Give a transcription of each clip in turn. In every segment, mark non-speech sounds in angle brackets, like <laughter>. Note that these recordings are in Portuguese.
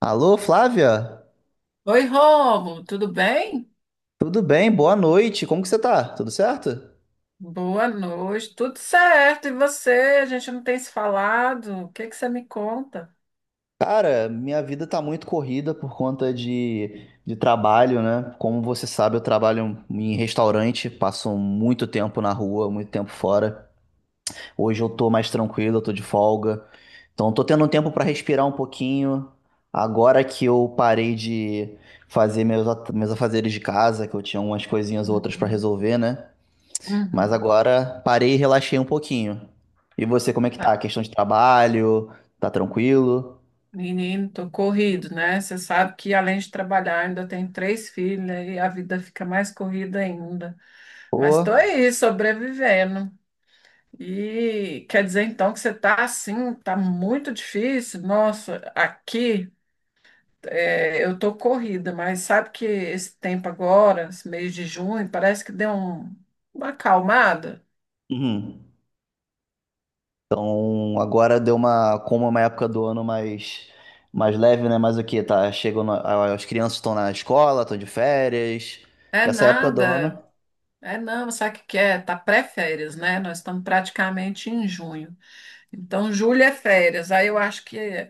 Alô, Flávia? Oi, Rômulo, tudo bem? Tudo bem? Boa noite. Como que você tá? Tudo certo? Boa noite, tudo certo. E você? A gente não tem se falado. O que que você me conta? Cara, minha vida tá muito corrida por conta de trabalho, né? Como você sabe, eu trabalho em restaurante, passo muito tempo na rua, muito tempo fora. Hoje eu tô mais tranquilo, eu tô de folga. Então, eu tô tendo um tempo pra respirar um pouquinho. Agora que eu parei de fazer meus afazeres de casa, que eu tinha umas coisinhas ou outras pra Uhum. resolver, né? Mas Uhum. agora parei e relaxei um pouquinho. E você, como é que tá? A Tá. questão de trabalho? Tá tranquilo? Menino, tô corrido, né? Você sabe que além de trabalhar, ainda tenho três filhas e a vida fica mais corrida ainda. Mas tô Pô. aí, sobrevivendo. E quer dizer então que você tá assim, tá muito difícil? Nossa, aqui. É, eu tô corrida, mas sabe que esse tempo agora, esse mês de junho, parece que uma acalmada. Uhum. Então agora deu uma, como é uma época do ano mais, mais leve, né? Mas o que? Tá, chegam, as crianças estão na escola, estão de férias. É Que essa época do nada, ano, é não, sabe o que que é? Tá pré-férias, né? Nós estamos praticamente em junho. Então, julho é férias, aí eu acho que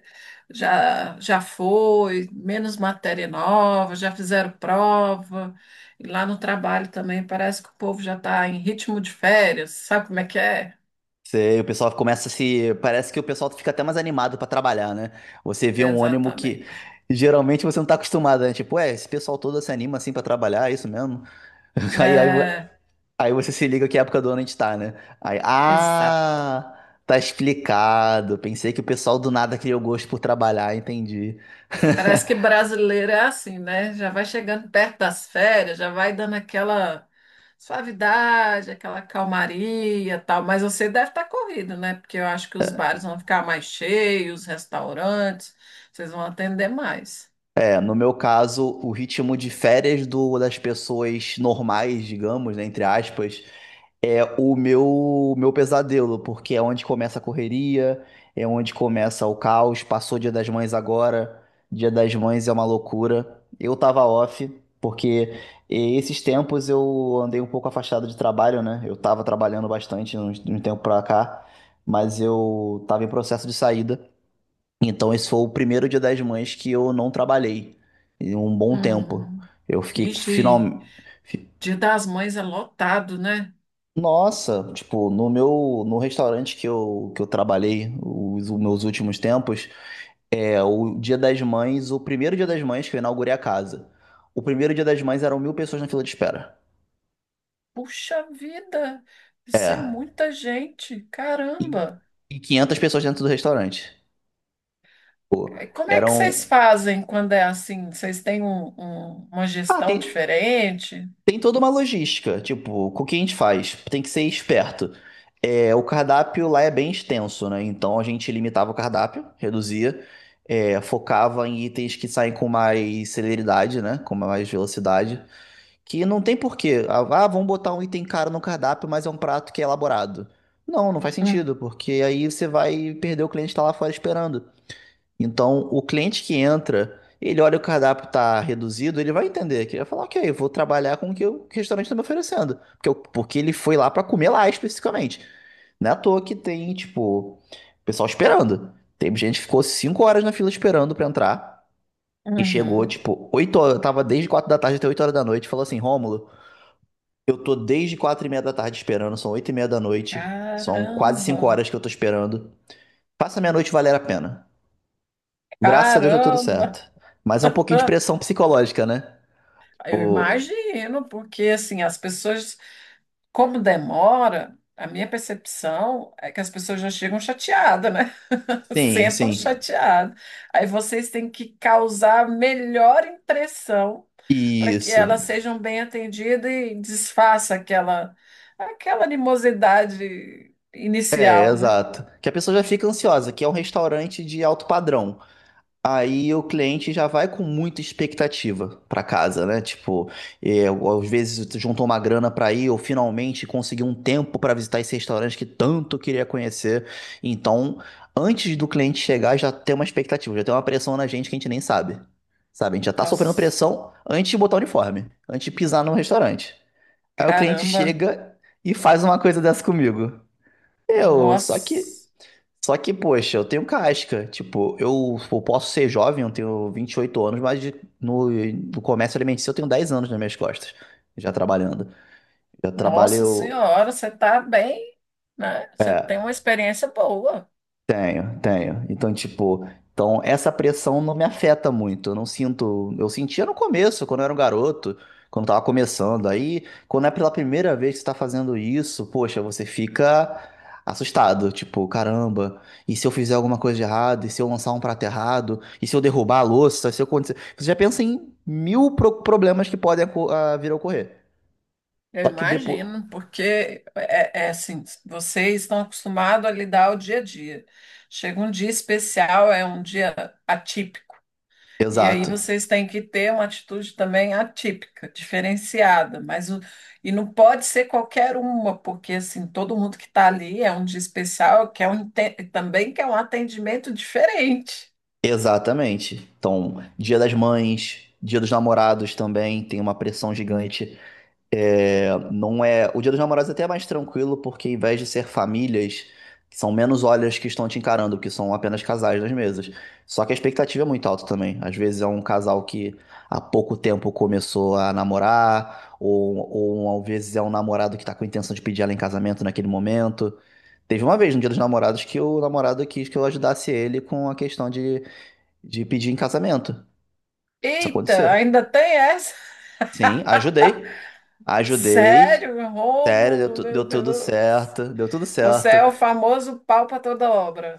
já foi, menos matéria nova, já fizeram prova. E lá no trabalho também parece que o povo já está em ritmo de férias, sabe como é que é? você, o pessoal começa a se, parece que o pessoal fica até mais animado pra trabalhar, né? Você vê um ânimo que Exatamente. geralmente você não tá acostumado, né? Tipo, é, esse pessoal todo se anima assim pra trabalhar, é isso mesmo? <laughs> Aí, aí, É, Aí você se liga que época do ano a gente tá, né? Aí, ah, tá explicado. Pensei que o pessoal do nada criou gosto por trabalhar, entendi. parece que <laughs> brasileiro é assim, né? Já vai chegando perto das férias, já vai dando aquela suavidade, aquela calmaria, e tal. Mas você deve estar corrido, né? Porque eu acho que os bares vão ficar mais cheios, os restaurantes, vocês vão atender mais. É, no meu caso, o ritmo de férias do, das pessoas normais, digamos, né, entre aspas, é o meu pesadelo, porque é onde começa a correria, é onde começa o caos. Passou o Dia das Mães agora, Dia das Mães é uma loucura. Eu tava off, porque esses tempos eu andei um pouco afastado de trabalho, né? Eu tava trabalhando bastante de um tempo pra cá, mas eu tava em processo de saída. Então esse foi o primeiro Dia das Mães que eu não trabalhei em um bom tempo. Hum. Eu fiquei Ixi, final... Dia das Mães é lotado, né? Nossa, tipo, no meu, no restaurante que eu trabalhei os meus últimos tempos, é o Dia das Mães, o primeiro Dia das Mães que eu inaugurei a casa. O primeiro Dia das Mães eram mil pessoas na fila de espera. Puxa vida, isso é É, muita gente, e, caramba. e 500 pessoas dentro do restaurante. É, como é que vocês Eram, fazem quando é assim? Vocês têm uma ah, gestão tem, diferente? tem toda uma logística, tipo, com o que a gente faz? Tem que ser esperto. É, o cardápio lá é bem extenso, né? Então a gente limitava o cardápio, reduzia, é, focava em itens que saem com mais celeridade, né? Com mais velocidade. Que não tem porquê. Vamos botar um item caro no cardápio, mas é um prato que é elaborado. Não, não faz Hum. sentido, porque aí você vai perder o cliente que tá lá fora esperando. Então, o cliente que entra, ele olha o cardápio tá reduzido, ele vai entender que ele vai falar, ok, eu vou trabalhar com o que o restaurante está me oferecendo, porque, porque ele foi lá para comer lá especificamente. Não é à toa que tem, tipo, pessoal esperando. Tem gente que ficou 5 horas na fila esperando para entrar e chegou, Uhum. tipo, 8, horas, tava desde 4 da tarde até 8 horas da noite, e falou assim, Rômulo, eu tô desde 4 e meia da tarde esperando, são 8 e meia da noite, são quase 5 Caramba, horas que eu tô esperando. Faça minha noite valer a pena. Graças a Deus deu tudo caramba. certo. Mas é um pouquinho de <laughs> pressão psicológica, né? Eu O... imagino, porque assim, as pessoas, como demora, a minha percepção é que as pessoas já chegam chateadas, né? <laughs> Sim, Sentam sim. chateadas. Aí vocês têm que causar a melhor impressão para que Isso. elas sejam bem atendidas e desfaça aquela, aquela animosidade É, inicial, né? exato. Que a pessoa já fica ansiosa, que é um restaurante de alto padrão. Aí o cliente já vai com muita expectativa para casa, né? Tipo, é, às vezes tu juntou uma grana para ir ou finalmente conseguiu um tempo para visitar esse restaurante que tanto queria conhecer. Então, antes do cliente chegar, já tem uma expectativa, já tem uma pressão na gente que a gente nem sabe. Sabe? A gente já tá sofrendo Nossa, pressão antes de botar o uniforme, antes de pisar no restaurante. Aí o cliente caramba, chega e faz uma coisa dessa comigo. Eu, nossa. só que, poxa, eu tenho casca. Tipo, eu posso ser jovem, eu tenho 28 anos, mas no, no comércio alimentício eu tenho 10 anos nas minhas costas, já trabalhando. Já Nossa trabalho. senhora, você está bem, né? Você tem uma experiência boa, Tenho, tenho. Então, tipo, então essa pressão não me afeta muito. Eu não sinto. Eu sentia no começo, quando eu era um garoto, quando tava começando. Aí, quando é pela primeira vez que você tá fazendo isso, poxa, você fica assustado. Tipo, caramba, e se eu fizer alguma coisa de errado? E se eu lançar um prato errado? E se eu derrubar a louça? Se eu acontecer. Você já pensa em mil problemas que podem vir a ocorrer. eu Só que depois. imagino, porque é, é assim, vocês estão acostumados a lidar o dia a dia. Chega um dia especial, é um dia atípico, e aí Exato. vocês têm que ter uma atitude também atípica, diferenciada, e não pode ser qualquer uma, porque assim, todo mundo que está ali é um dia especial, quer um, também quer um atendimento diferente. Exatamente. Então, Dia das Mães, Dia dos Namorados também tem uma pressão gigante. É, não é, o Dia dos Namorados é até mais tranquilo porque, ao invés de ser famílias, são menos olhas que estão te encarando, que são apenas casais nas mesas. Só que a expectativa é muito alta também. Às vezes é um casal que há pouco tempo começou a namorar, ou às vezes é um namorado que está com a intenção de pedir ela em casamento naquele momento. Teve uma vez no Dia dos Namorados que o namorado quis que eu ajudasse ele com a questão de pedir em casamento. Isso Eita, aconteceu. ainda tem essa? Sim, ajudei. Ajudei. Sério, Sério, Rômulo, meu deu tudo Deus. certo. Deu tudo Você certo. é o famoso pau para toda obra.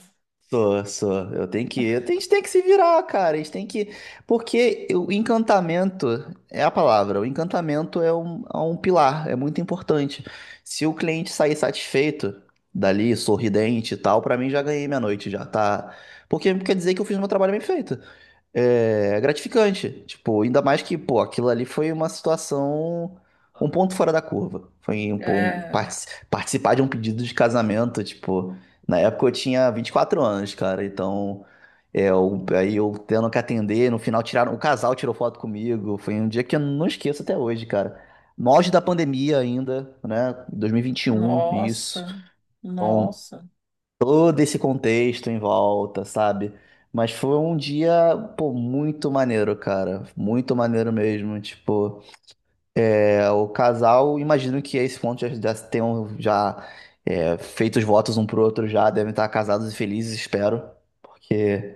Sou, sou. Eu tenho que. Eu tenho- A gente tem que se virar, cara. A gente tem que. Porque o encantamento é a palavra. O encantamento é um pilar, é muito importante. Se o cliente sair satisfeito dali, sorridente e tal, pra mim já ganhei minha noite, já tá. Porque quer dizer que eu fiz meu trabalho bem feito. É é gratificante. Tipo, ainda mais que, pô, aquilo ali foi uma situação, um ponto fora da curva. Foi um, pô, um É, participar de um pedido de casamento, tipo, na época eu tinha 24 anos, cara, então é, aí eu tendo que atender, no final tiraram, o casal tirou foto comigo. Foi um dia que eu não esqueço até hoje, cara. No auge da pandemia ainda, né? 2021, isso. nossa, Então, nossa. todo esse contexto em volta, sabe? Mas foi um dia, pô, muito maneiro, cara. Muito maneiro mesmo. Tipo, é, o casal, imagino que a esse ponto já, já tenham já é, feito os votos um pro outro já, devem estar casados e felizes, espero. Porque,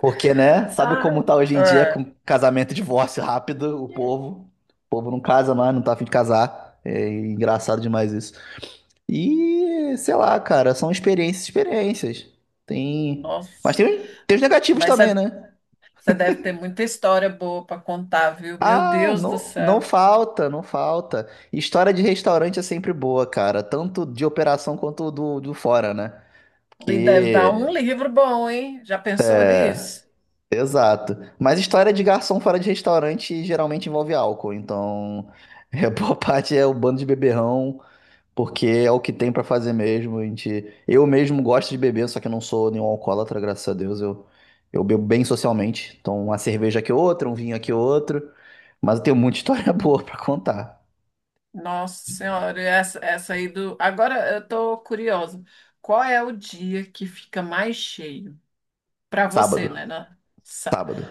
porque, né? Sabe Ai, como tá hoje em dia é, com casamento e divórcio rápido, o povo. O povo não casa mais, não tá a fim de casar. É engraçado demais isso. E, sei lá, cara, são experiências, experiências. Tem. Mas nossa. tem, tem os negativos Mas também, você né? você deve ter muita história boa para contar, viu? Meu Ah, Deus do não, não céu. falta, não falta. História de restaurante é sempre boa, cara. Tanto de operação quanto do fora, né? E deve dar um Que livro bom, hein? Já pensou nisso? exato. Mas história de garçom fora de restaurante geralmente envolve álcool. Então, <laughs> é, boa parte é o bando de beberrão. Porque é o que tem pra fazer mesmo. A gente, eu mesmo gosto de beber, só que eu não sou nenhum alcoólatra, graças a Deus. Eu bebo bem socialmente. Então, uma cerveja aqui outra, um vinho aqui outro. Mas eu tenho muita história <laughs> boa pra contar. Nossa Senhora, essa aí do. Agora eu tô curiosa. Qual é o dia que fica mais cheio? Para você, Sábado, né? Né? sábado.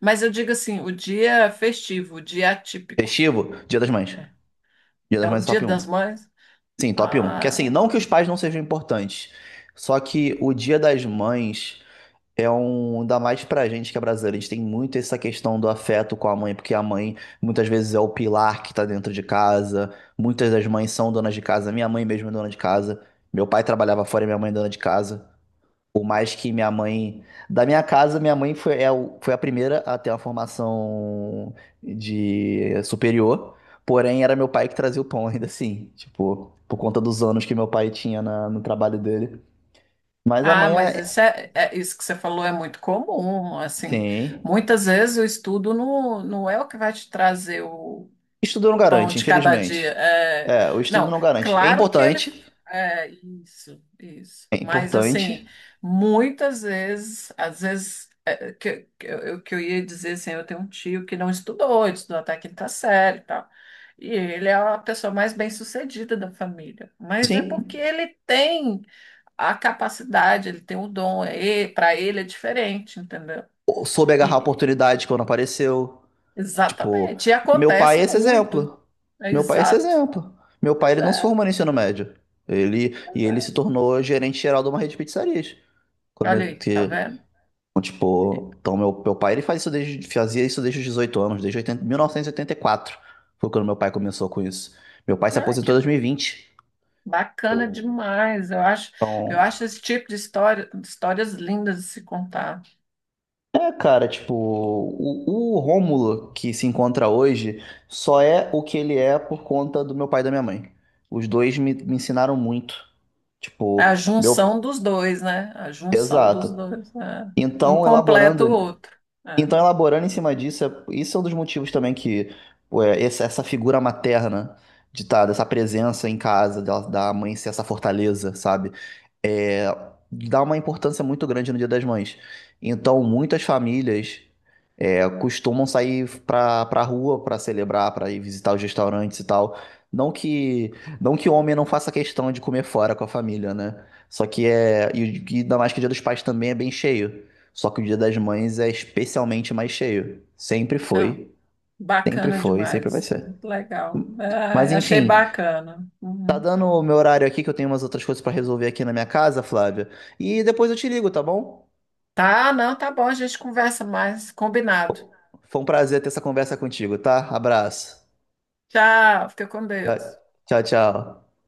Mas eu digo assim, o dia festivo, o dia atípico, Festivo, Dia das Mães. Dia das é o Mães é Dia top das um. Mães. Sim, top um. Que assim, Ah, não que os pais não sejam importantes, só que o Dia das Mães é um, ainda mais pra gente que é brasileiro, a gente tem muito essa questão do afeto com a mãe, porque a mãe muitas vezes é o pilar que tá dentro de casa, muitas das mães são donas de casa, minha mãe mesmo é dona de casa, meu pai trabalhava fora e minha mãe é dona de casa. Por mais que minha mãe, da minha casa, minha mãe foi, foi a primeira a ter uma formação de superior, porém era meu pai que trazia o pão <laughs> ainda assim, tipo, por conta dos anos que meu pai tinha no trabalho dele. Mas a ah, mãe, mas isso é, isso que você falou é muito comum, assim. sim. Muitas vezes o estudo não, não é o que vai te trazer o Estudo não pão garante, de cada dia. infelizmente. É. É, o estudo Não, não garante. Claro que ele. É, isso, isso. É Mas, assim, importante, muitas vezes, às vezes, é, que eu ia dizer assim, eu tenho um tio que não estudou, ele estudou até a quinta série e tal. E ele é a pessoa mais bem-sucedida da família. Mas é porque sim. ele tem a capacidade, ele tem o dom, é, para ele é diferente, entendeu? Eu soube agarrar a E, oportunidade quando apareceu. Tipo, exatamente. E meu pai acontece é esse muito. exemplo. É Meu pai é esse exato. exemplo. Meu pai, Pois ele não se é. formou no ensino médio. Ele, e ele se Exato. tornou gerente geral de uma rede de pizzarias. Quando Olha ele- aí, tá que- vendo? então, tipo, então meu pai, ele faz isso desde, fazia isso desde os 18 anos, desde oitenta oitenta 1984. Foi quando meu pai começou com isso. Meu pai se Ai, que aposentou em 2020. bacana demais. Eu Então acho esse tipo de história, histórias lindas de se contar. é, cara, tipo, o Rômulo que se encontra hoje só é o que ele é por conta do meu pai e da minha mãe. Os dois me ensinaram muito. É Tipo, a meu. junção dos dois, né? A junção dos Exato. dois. Né? Um Então, completa o elaborando. outro. É. Então, elaborando em cima disso, isso é um dos motivos também que ué, essa figura materna de tá, dessa presença em casa, da mãe ser essa fortaleza, sabe? É, dá uma importância muito grande no Dia das Mães. Então, muitas famílias é, costumam sair pra, pra rua pra celebrar, pra ir visitar os restaurantes e tal. Não que, não que homem não faça questão de comer fora com a família, né? Só que é. E ainda mais que o Dia dos Pais também é bem cheio. Só que o Dia das Mães é especialmente mais cheio. Sempre Não, foi, sempre bacana foi, sempre vai demais. ser. Muito legal. Mas Ai, achei enfim. bacana. Tá Uhum. dando o meu horário aqui, que eu tenho umas outras coisas pra resolver aqui na minha casa, Flávia. E depois eu te ligo, tá bom? Tá, não, tá bom. A gente conversa mais. Combinado. Foi um prazer ter essa conversa contigo, tá? Abraço. Tchau, fica com Deus. Tchau.